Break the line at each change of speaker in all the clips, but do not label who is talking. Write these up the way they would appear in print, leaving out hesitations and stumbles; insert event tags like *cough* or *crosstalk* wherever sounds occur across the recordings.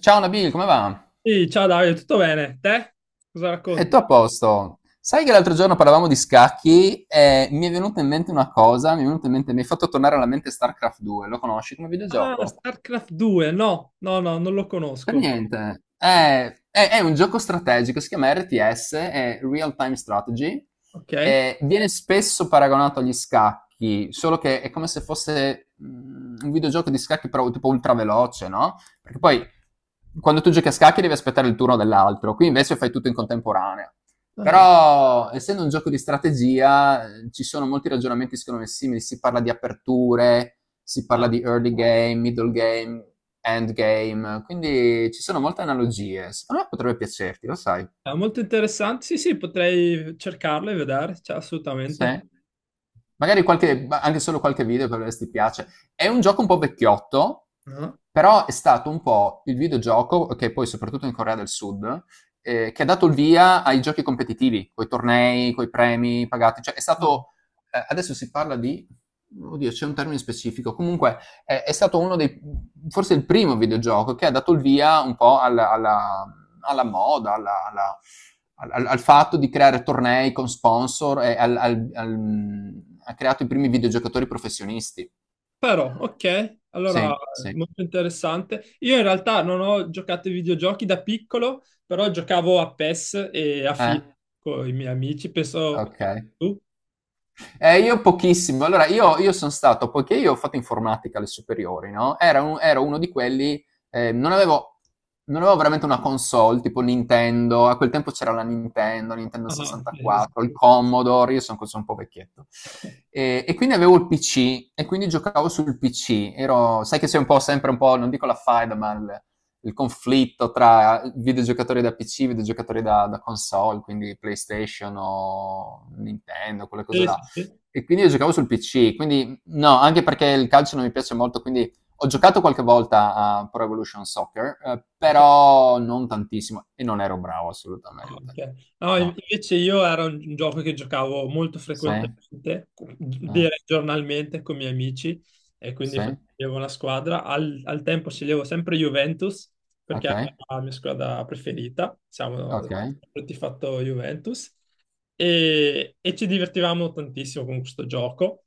Ciao Nabil, come va?
Sì, ciao Davide, tutto bene? Te? Cosa
E
racconti?
tu a posto? Sai che l'altro giorno parlavamo di scacchi e mi è venuta in mente una cosa, mi è venuta in mente, mi hai fatto tornare alla mente StarCraft 2, lo conosci come
Ah,
videogioco?
StarCraft 2, no, no, no, non lo
Per
conosco.
niente. È un gioco strategico, si chiama RTS, è Real Time Strategy,
Ok.
e viene spesso paragonato agli scacchi, solo che è come se fosse un videogioco di scacchi però tipo ultra veloce, no? Perché poi quando tu giochi a scacchi devi aspettare il turno dell'altro, qui invece fai tutto in contemporanea.
Ah,
Però, essendo un gioco di strategia, ci sono molti ragionamenti secondo me simili, si parla di aperture, si parla
ah,
di early game, middle game, end game, quindi ci sono molte analogie. Secondo me potrebbe piacerti, lo sai.
è molto interessante. Sì, sì, potrei cercarlo e vedere, cioè, assolutamente.
Sì. Magari qualche, ma anche solo qualche video per vedere se ti piace. È un gioco un po' vecchiotto,
Ah,
però è stato un po' il videogioco, che poi soprattutto in Corea del Sud, che ha dato il via ai giochi competitivi, coi tornei, coi premi pagati. Cioè è
ah.
stato, adesso si parla di, oddio, c'è un termine specifico. Comunque è stato uno dei, forse il primo videogioco che ha dato il via un po' alla moda, al fatto di creare tornei con sponsor e ha creato i primi videogiocatori professionisti.
Però, ok,
Sì,
allora,
sì.
molto interessante. Io in realtà non ho giocato ai videogiochi da piccolo, però giocavo a PES e a
Eh?
FIFA con i miei amici, penso
Ok.
tu.
Io pochissimo. Allora, io sono stato, poiché io ho fatto informatica alle superiori, no? Ero uno di quelli, eh, non avevo, non avevo veramente una console, tipo Nintendo, a quel tempo c'era la Nintendo, Nintendo
Ah, sì, sì,
64, il Commodore, io sono un po' vecchietto. E quindi avevo il PC, e quindi giocavo sul PC. Ero, sai che sei un po' sempre un po', non dico la faida, ma il conflitto tra videogiocatori da PC, videogiocatori da console, quindi PlayStation o Nintendo, quelle cose
sì. Sì.
là
Sì, sì.
e quindi io giocavo sul PC, quindi no, anche perché il calcio non mi piace molto, quindi ho giocato qualche volta a Pro Evolution Soccer,
Ok.
però non tantissimo e non ero bravo assolutamente.
Ok. No, in-
No.
invece io era un gioco che giocavo molto
Sì? Ma
frequentemente,
eh,
direi giornalmente con i miei amici e quindi
sì?
facevo una squadra. Al tempo sceglievo sempre Juventus perché
Ok,
era la mia squadra preferita, diciamo,
ok.
sempre fatto Juventus e ci divertivamo tantissimo con questo gioco.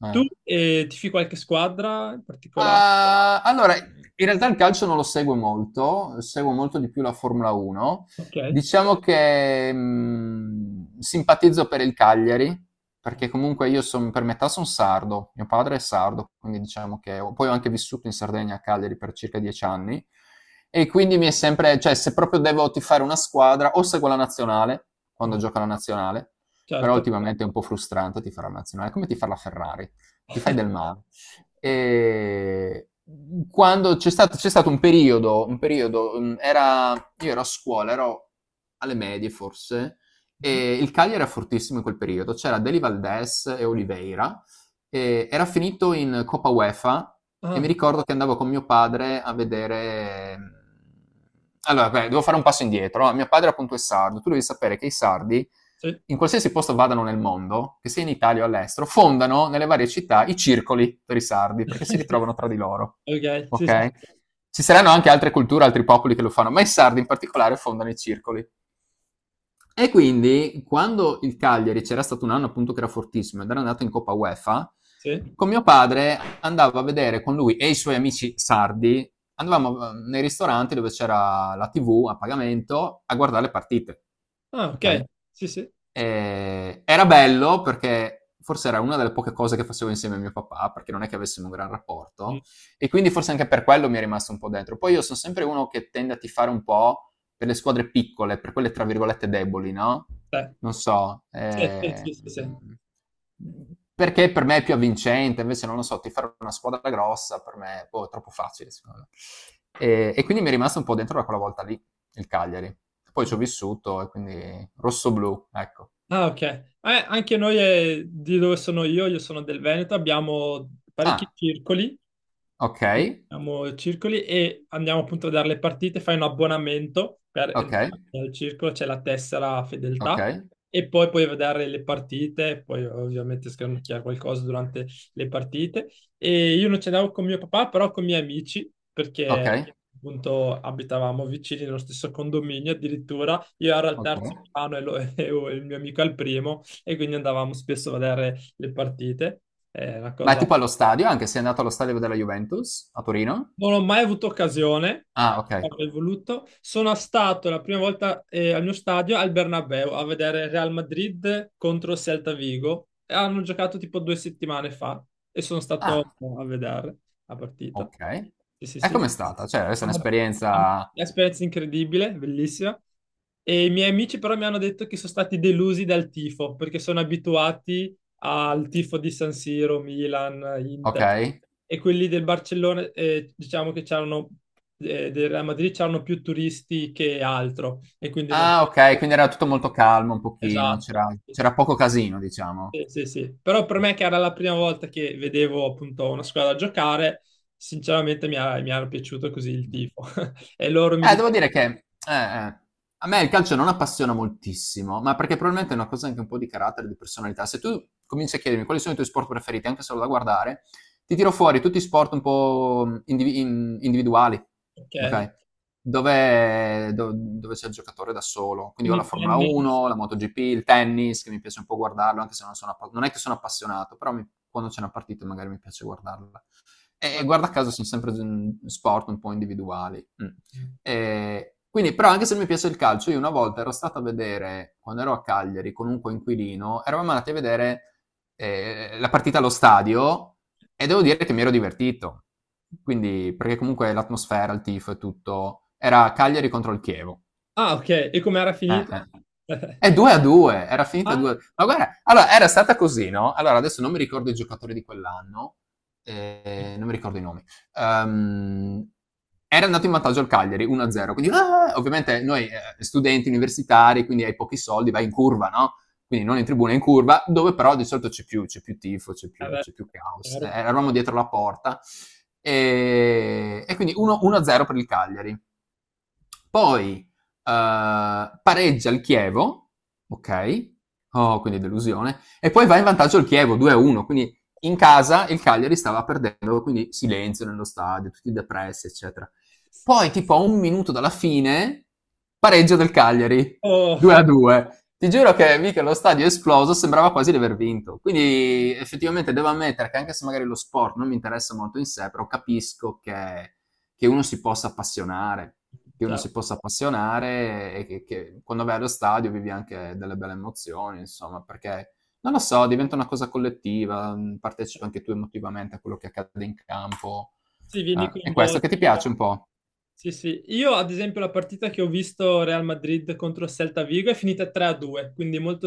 Sì.
Tu,
Eh.
tifi qualche squadra in particolare?
Ah, allora, in realtà il calcio non lo seguo molto di più la Formula 1.
Ok,
Diciamo che simpatizzo per il Cagliari, perché comunque per metà sono sardo, mio padre è sardo, quindi diciamo che ho- poi ho anche vissuto in Sardegna a Cagliari per circa 10 anni e quindi mi è sempre, cioè se proprio devo tifare una squadra, o seguo la nazionale, quando
ok,
gioca la nazionale, però
certo.
ultimamente è un po' frustrante tifare la nazionale, è come tifare la Ferrari, ti fai del male. E quando c'è stato un periodo io ero a scuola, ero alle medie forse,
Mm.
e il Cagliari era fortissimo in quel periodo. C'era Deli Valdés e Oliveira, e era finito in Coppa UEFA e mi
Ah,
ricordo che andavo con mio padre a vedere. Allora, beh, devo fare un passo indietro. No? Mio padre appunto è sardo, tu devi sapere che i sardi,
sì.
in qualsiasi posto vadano nel mondo, che sia in Italia o all'estero, fondano nelle varie città i circoli per i sardi, perché si
*laughs*
ritrovano tra di loro.
Ok, sì, sì. Sì.
Ok? Ci saranno anche altre culture, altri popoli che lo fanno, ma i sardi in particolare fondano i circoli. E quindi quando il Cagliari c'era stato un anno appunto che era fortissimo ed era andato in Coppa UEFA,
Sì?
con mio padre andavo a vedere con lui e i suoi amici sardi, andavamo nei ristoranti dove c'era la TV a pagamento a guardare le partite,
Ah, ok.
ok?
Sì, sì.
Era bello perché forse era una delle poche cose che facevo insieme a mio papà, perché non è che avessimo un gran
Mm.
rapporto, e quindi forse anche per quello mi è rimasto un po' dentro. Poi io sono sempre uno che tende a tifare un po' per le squadre piccole, per quelle tra virgolette deboli, no?
Beh,
Non so,
sì, sì, sì, sì, sì.
perché per me è più avvincente, invece non lo so, tifare una squadra grossa per me boh, è boh, troppo facile, secondo me. E quindi mi è rimasto un po' dentro da quella volta lì il Cagliari. Poi ci ho
Mm.
vissuto e quindi rosso-blu, ecco.
Ah, ok. Anche noi, di dove sono io sono del Veneto, abbiamo parecchi
Ah,
circoli.
ok,
Andiamo circoli e andiamo appunto a vedere le partite, fai un abbonamento per
ok,
entrare nel circolo, c'è la tessera
ok,
fedeltà e poi puoi vedere le partite, poi ovviamente scanocchiare qualcosa durante le partite. E io non ci andavo con mio papà, però con i miei amici,
ok,
perché appunto abitavamo vicini nello stesso condominio, addirittura io ero al
ok.
terzo piano e, *laughs* e il mio amico al primo e quindi andavamo spesso a vedere le partite. È una
Ma è
cosa.
tipo allo stadio, anche se è andato allo stadio della Juventus a Torino?
Non ho mai avuto occasione,
Ah, ok.
avrei voluto. Sono stato la prima volta, al mio stadio al Bernabéu a vedere Real Madrid contro Celta Vigo. E hanno giocato tipo 2 settimane fa e sono stato
Ah,
a vedere la partita.
ok.
Sì, sì,
E
sì.
com'è stata? Cioè, questa è
Am- am-
un'esperienza.
Esperienza incredibile, bellissima. E i miei amici però mi hanno detto che sono stati delusi dal tifo perché sono abituati al tifo di San Siro, Milan,
Ok.
Inter e quelli del Barcellona, diciamo che c'erano del Real Madrid c'erano più turisti che altro e quindi non
Ah, ok, quindi era tutto molto calmo un pochino,
esatto.
c'era
Sì,
c'era poco casino, diciamo.
sì, sì. Sì. Però per me che era la prima volta che vedevo appunto una squadra giocare, sinceramente mi era piaciuto così il tifo. *laughs* E loro mi
Devo
dicevano,
dire che eh, a me il calcio non appassiona moltissimo, ma perché probabilmente è una cosa anche un po' di carattere, di personalità. Se tu cominci a chiedermi quali sono i tuoi sport preferiti, anche solo da guardare, ti tiro fuori tutti i sport un po' individuali,
ok,
ok? Dove c'è il giocatore da solo. Quindi ho la
quindi
Formula
tennis.
1, la MotoGP, il tennis, che mi piace un po' guardarlo, anche se non, non è che sono appassionato, però quando c'è una partita magari mi piace guardarla. E
Ah,
guarda caso sono sempre sport un po' individuali. Mm. E quindi, però, anche se mi piace il calcio, io una volta ero stato a vedere, quando ero a Cagliari con un coinquilino, eravamo andati a vedere la partita allo stadio e devo dire che mi ero divertito. Quindi, perché comunque l'atmosfera, il tifo e tutto, era Cagliari contro il Chievo.
ah, ok, e com'era
Eh,
finito?
eh.
*laughs*
È 2 a 2, era finita 2 a
Ah,
2. Ma guarda, allora era stata così, no? Allora adesso non mi ricordo i giocatori di quell'anno, non mi ricordo i nomi. Ehm, Era andato in vantaggio al Cagliari 1-0, quindi ah, ovviamente noi studenti universitari, quindi hai pochi soldi, vai in curva, no? Quindi non in tribuna, in curva, dove però di solito c'è più tifo, c'è più,
vabbè,
c'è più caos.
chiaro.
Eravamo dietro la porta e quindi 1-0 per il Cagliari. Poi pareggia il Chievo, ok? Oh, quindi delusione. E poi va in vantaggio il Chievo 2-1, quindi in casa il Cagliari stava perdendo, quindi silenzio nello stadio, tutti depressi, eccetera. Poi, tipo a un minuto dalla fine, pareggio del Cagliari,
Oh,
2-2. Ti giuro che mica lo stadio è esploso, sembrava quasi di aver vinto. Quindi effettivamente devo ammettere che anche se magari lo sport non mi interessa molto in sé, però capisco che uno si possa appassionare che uno
certo.
si possa appassionare e che quando vai allo stadio vivi anche delle belle emozioni, insomma, perché non lo so, diventa una cosa collettiva, partecipi anche tu emotivamente a quello che accade in campo.
Sì, vieni
È questo
coinvolto.
che ti piace un po'?
Sì, sì. Io, ad esempio, la partita che ho visto Real Madrid contro Celta Vigo è finita 3-2, quindi molto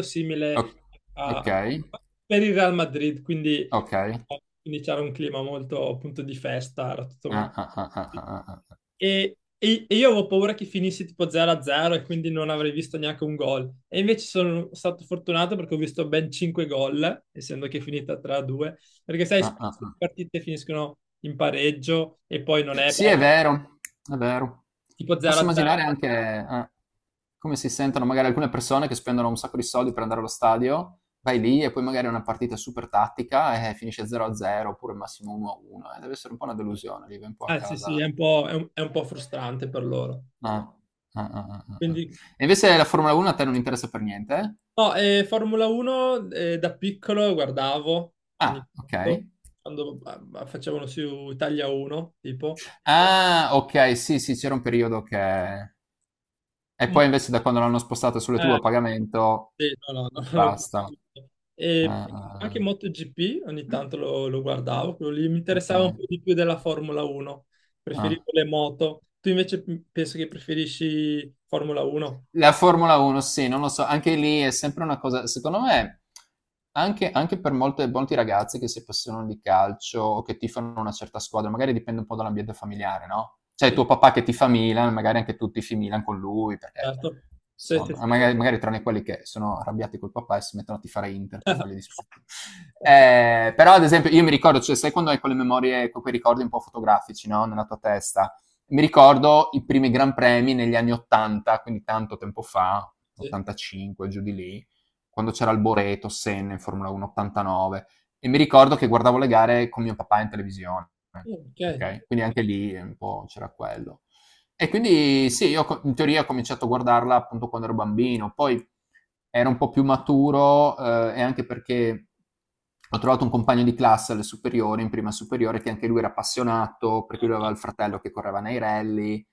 O-
simile a...
ok,
per il Real Madrid, quindi,
ok.
eh, quindi c'era un clima molto appunto di festa, era tutto
Ah,
molto...
ah, ah, ah, ah, ah,
E io avevo paura che finisse tipo 0-0 e quindi non avrei visto neanche un gol. E invece sono stato fortunato perché ho visto ben 5 gol, essendo che è finita 3-2. Perché sai,
ah, ah,
spesso
ah, ah,
le
ah.
partite finiscono in pareggio e poi non è
Sì,
bello,
è vero, è vero.
tipo
Posso immaginare
0-0.
anche come si sentono magari alcune persone che spendono un sacco di soldi per andare allo stadio, vai lì e poi magari è una partita super tattica e finisce 0-0 oppure massimo 1-1. Deve essere un po' una delusione, vive un po' a
Ah sì, sì,
casa.
è un po' frustrante per loro.
Ah, ah, ah, ah, ah, ah.
Quindi,
E invece la Formula 1 a te non interessa per niente?
no, Formula 1, da piccolo guardavo ogni
Ah, ok.
tanto, quando facevano su Italia 1, tipo.
Ah, ok, sì, sì, c'era un periodo che. E
Mm.
poi invece da quando l'hanno spostata sulle
Eh,
tue a pagamento,
sì, no, no, *laughs* non l'ho più
basta.
seguito. E
Ah, ah,
anche
ah.
MotoGP ogni tanto lo guardavo, quello lì mi
Ok.
interessava un po' di più della Formula 1.
Ah.
Preferivo le moto. Tu invece, penso che preferisci Formula 1?
La Formula 1, sì, non lo so, anche lì è sempre una cosa, secondo me, anche, anche per molte, molti ragazzi che si appassionano di calcio o che tifano una certa squadra, magari dipende un po' dall'ambiente familiare, no? Cioè
Sì,
tuo papà che tifa Milan, magari anche tu tifi Milan con lui, perché
certo. Sì, sì,
insomma,
sì.
magari, magari tranne quelli che sono arrabbiati col papà e si mettono a tifare Inter per fargli
*laughs*
discutere. Però ad esempio io mi ricordo, cioè sai quando hai quelle memorie, quei ricordi un po' fotografici, no? Nella tua testa? Mi ricordo i primi Gran Premi negli anni 80, quindi tanto tempo fa,
Sì.
85 giù di lì, quando c'era Alboreto, Senna in Formula 1, 89, e mi ricordo che guardavo le gare con mio papà in televisione,
Ok.
ok? Quindi anche lì un po' c'era quello. E quindi sì, io in teoria ho cominciato a guardarla appunto quando ero bambino, poi era un po' più maturo e anche perché ho trovato un compagno di classe alle superiori, in prima superiore, che anche lui era appassionato, perché lui aveva il fratello che correva nei rally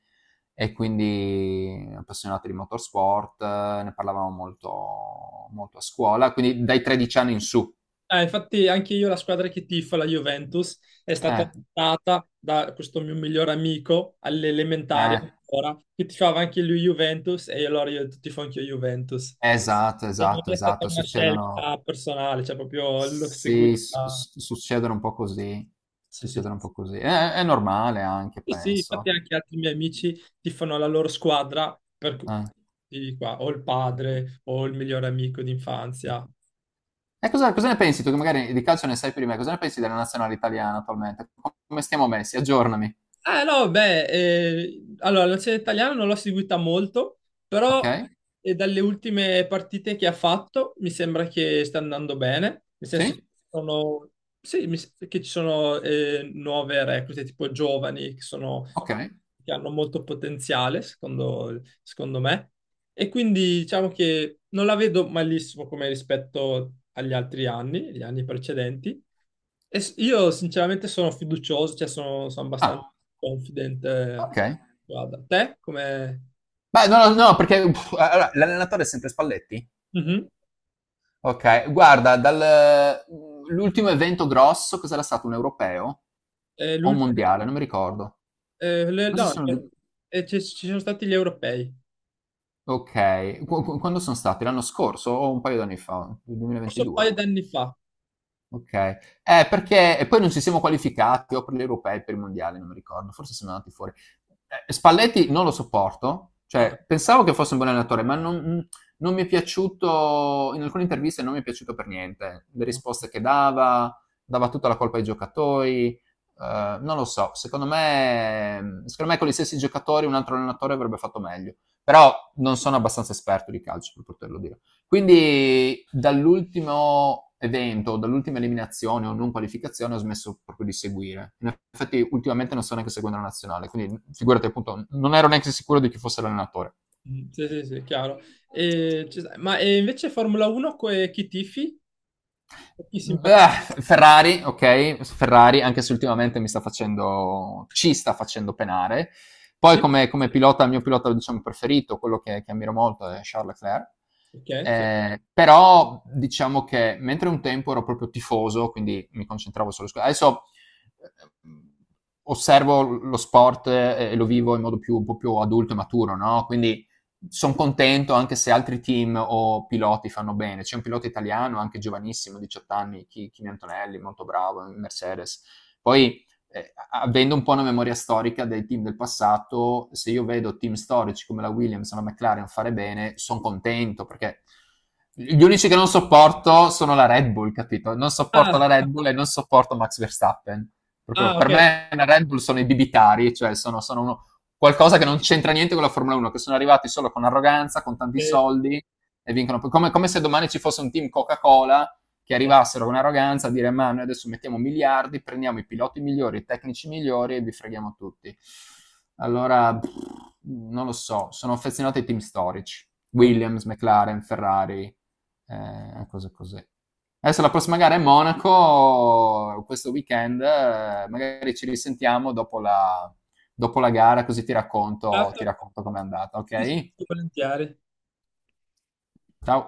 e quindi appassionato di motorsport, ne parlavamo molto, molto a scuola, quindi dai 13 anni in su.
Ah, infatti anche io la squadra che tifo, la Juventus, è stata
Eh,
portata da questo mio migliore amico all'elementare
eh,
ancora, che tifava anche lui Juventus e allora io tifo anche io Juventus.
esatto,
E non
esatto,
è stata
esatto,
una
succedono,
scelta personale, cioè proprio l'ho
sì,
seguita.
succedono un po' così,
Sì, sì.
succedono un po' così. È normale anche,
Sì, sì, infatti
penso.
anche altri miei amici tifano la loro squadra,
Ah.
di qua, o il padre o il migliore amico d'infanzia.
E cosa, cosa ne pensi tu, che magari di calcio ne sai più di me, cosa ne pensi della nazionale italiana attualmente? Come stiamo messi? Aggiornami,
Eh no, beh, allora la nazionale italiana non l'ho seguita molto, però,
ok?
dalle ultime partite che ha fatto mi sembra che sta andando bene, nel senso che
Sì?
ci sono, sì, che ci sono, nuove reclute, tipo giovani, che sono,
Ok.
che hanno molto potenziale, secondo me, e quindi diciamo che non la vedo malissimo come rispetto agli altri anni, gli anni precedenti, io sinceramente sono fiducioso, cioè sono, abbastanza
Ah,
confident.
ok.
Guarda, te come...
Beh, no, no, no, perché uff, allora, l'allenatore è sempre Spalletti?
Mhm.
Ok, guarda, dal, l'ultimo evento grosso cos'era stato? Un europeo o un mondiale?
L'ultimo...
Non mi ricordo. Però ci
no,
sono due.
ci sono stati gli europei,
Ok, quando sono stati? L'anno scorso o un paio d'anni fa? Il
forse un
2022?
paio d'anni fa.
Okay. Perché e poi non ci siamo qualificati o per gli europei o per i mondiali, non mi ricordo, forse siamo andati fuori. Spalletti non lo sopporto,
Ah,
cioè pensavo che fosse un buon allenatore, ma non non mi è piaciuto in alcune interviste non mi è piaciuto per niente. Le
no.
risposte che dava, dava tutta la colpa ai giocatori, non lo so, secondo me con gli stessi giocatori un altro allenatore avrebbe fatto meglio, però non sono abbastanza esperto di calcio per poterlo dire. Quindi dall'ultimo evento, dall'ultima eliminazione o non qualificazione ho smesso proprio di seguire. In effetti ultimamente non sto neanche seguendo la nazionale, quindi figurati appunto, non ero neanche sicuro di chi fosse l'allenatore.
Mm, sì, sì, sì, chiaro. E ma e invece Formula 1, chi tifi? Chi simpatizzi?
Beh, Ferrari, ok, Ferrari anche se ultimamente mi sta facendo, ci sta facendo penare. Poi come, come pilota, il mio pilota diciamo, preferito, quello che ammiro molto è Charles Leclerc.
Ok, sì.
Però diciamo che mentre un tempo ero proprio tifoso, quindi mi concentravo solo su. Adesso eh, osservo lo sport e lo vivo in modo più, un po' più adulto e maturo, no? Quindi sono contento anche se altri team o piloti fanno bene. C'è un pilota italiano, anche giovanissimo, 18 anni, Kimi Antonelli, molto bravo, Mercedes. Poi, avendo un po' una memoria storica dei team del passato, se io vedo team storici come la Williams o la McLaren fare bene, sono contento perché gli unici che non sopporto sono la Red Bull, capito? Non sopporto
Ah,
la Red Bull e non sopporto Max Verstappen. Proprio
ah,
per
ok.
me la Red Bull sono i bibitari, cioè sono, sono uno, qualcosa che non c'entra niente con la Formula 1, che sono arrivati solo con arroganza, con tanti
Eh,
soldi e vincono. Come, come se domani ci fosse un team Coca-Cola che
eh,
arrivassero con arroganza a dire ma noi adesso mettiamo miliardi, prendiamo i piloti migliori, i tecnici migliori e vi freghiamo tutti. Allora, pff, non lo so, sono affezionato ai team storici.
no.
Williams, McLaren, Ferrari, cose così. Adesso la prossima gara è Monaco, questo weekend, magari ci risentiamo dopo la gara, così ti
Certo.
racconto com'è andata,
Sì, sì,
ok?
sì, volentieri.
Ciao!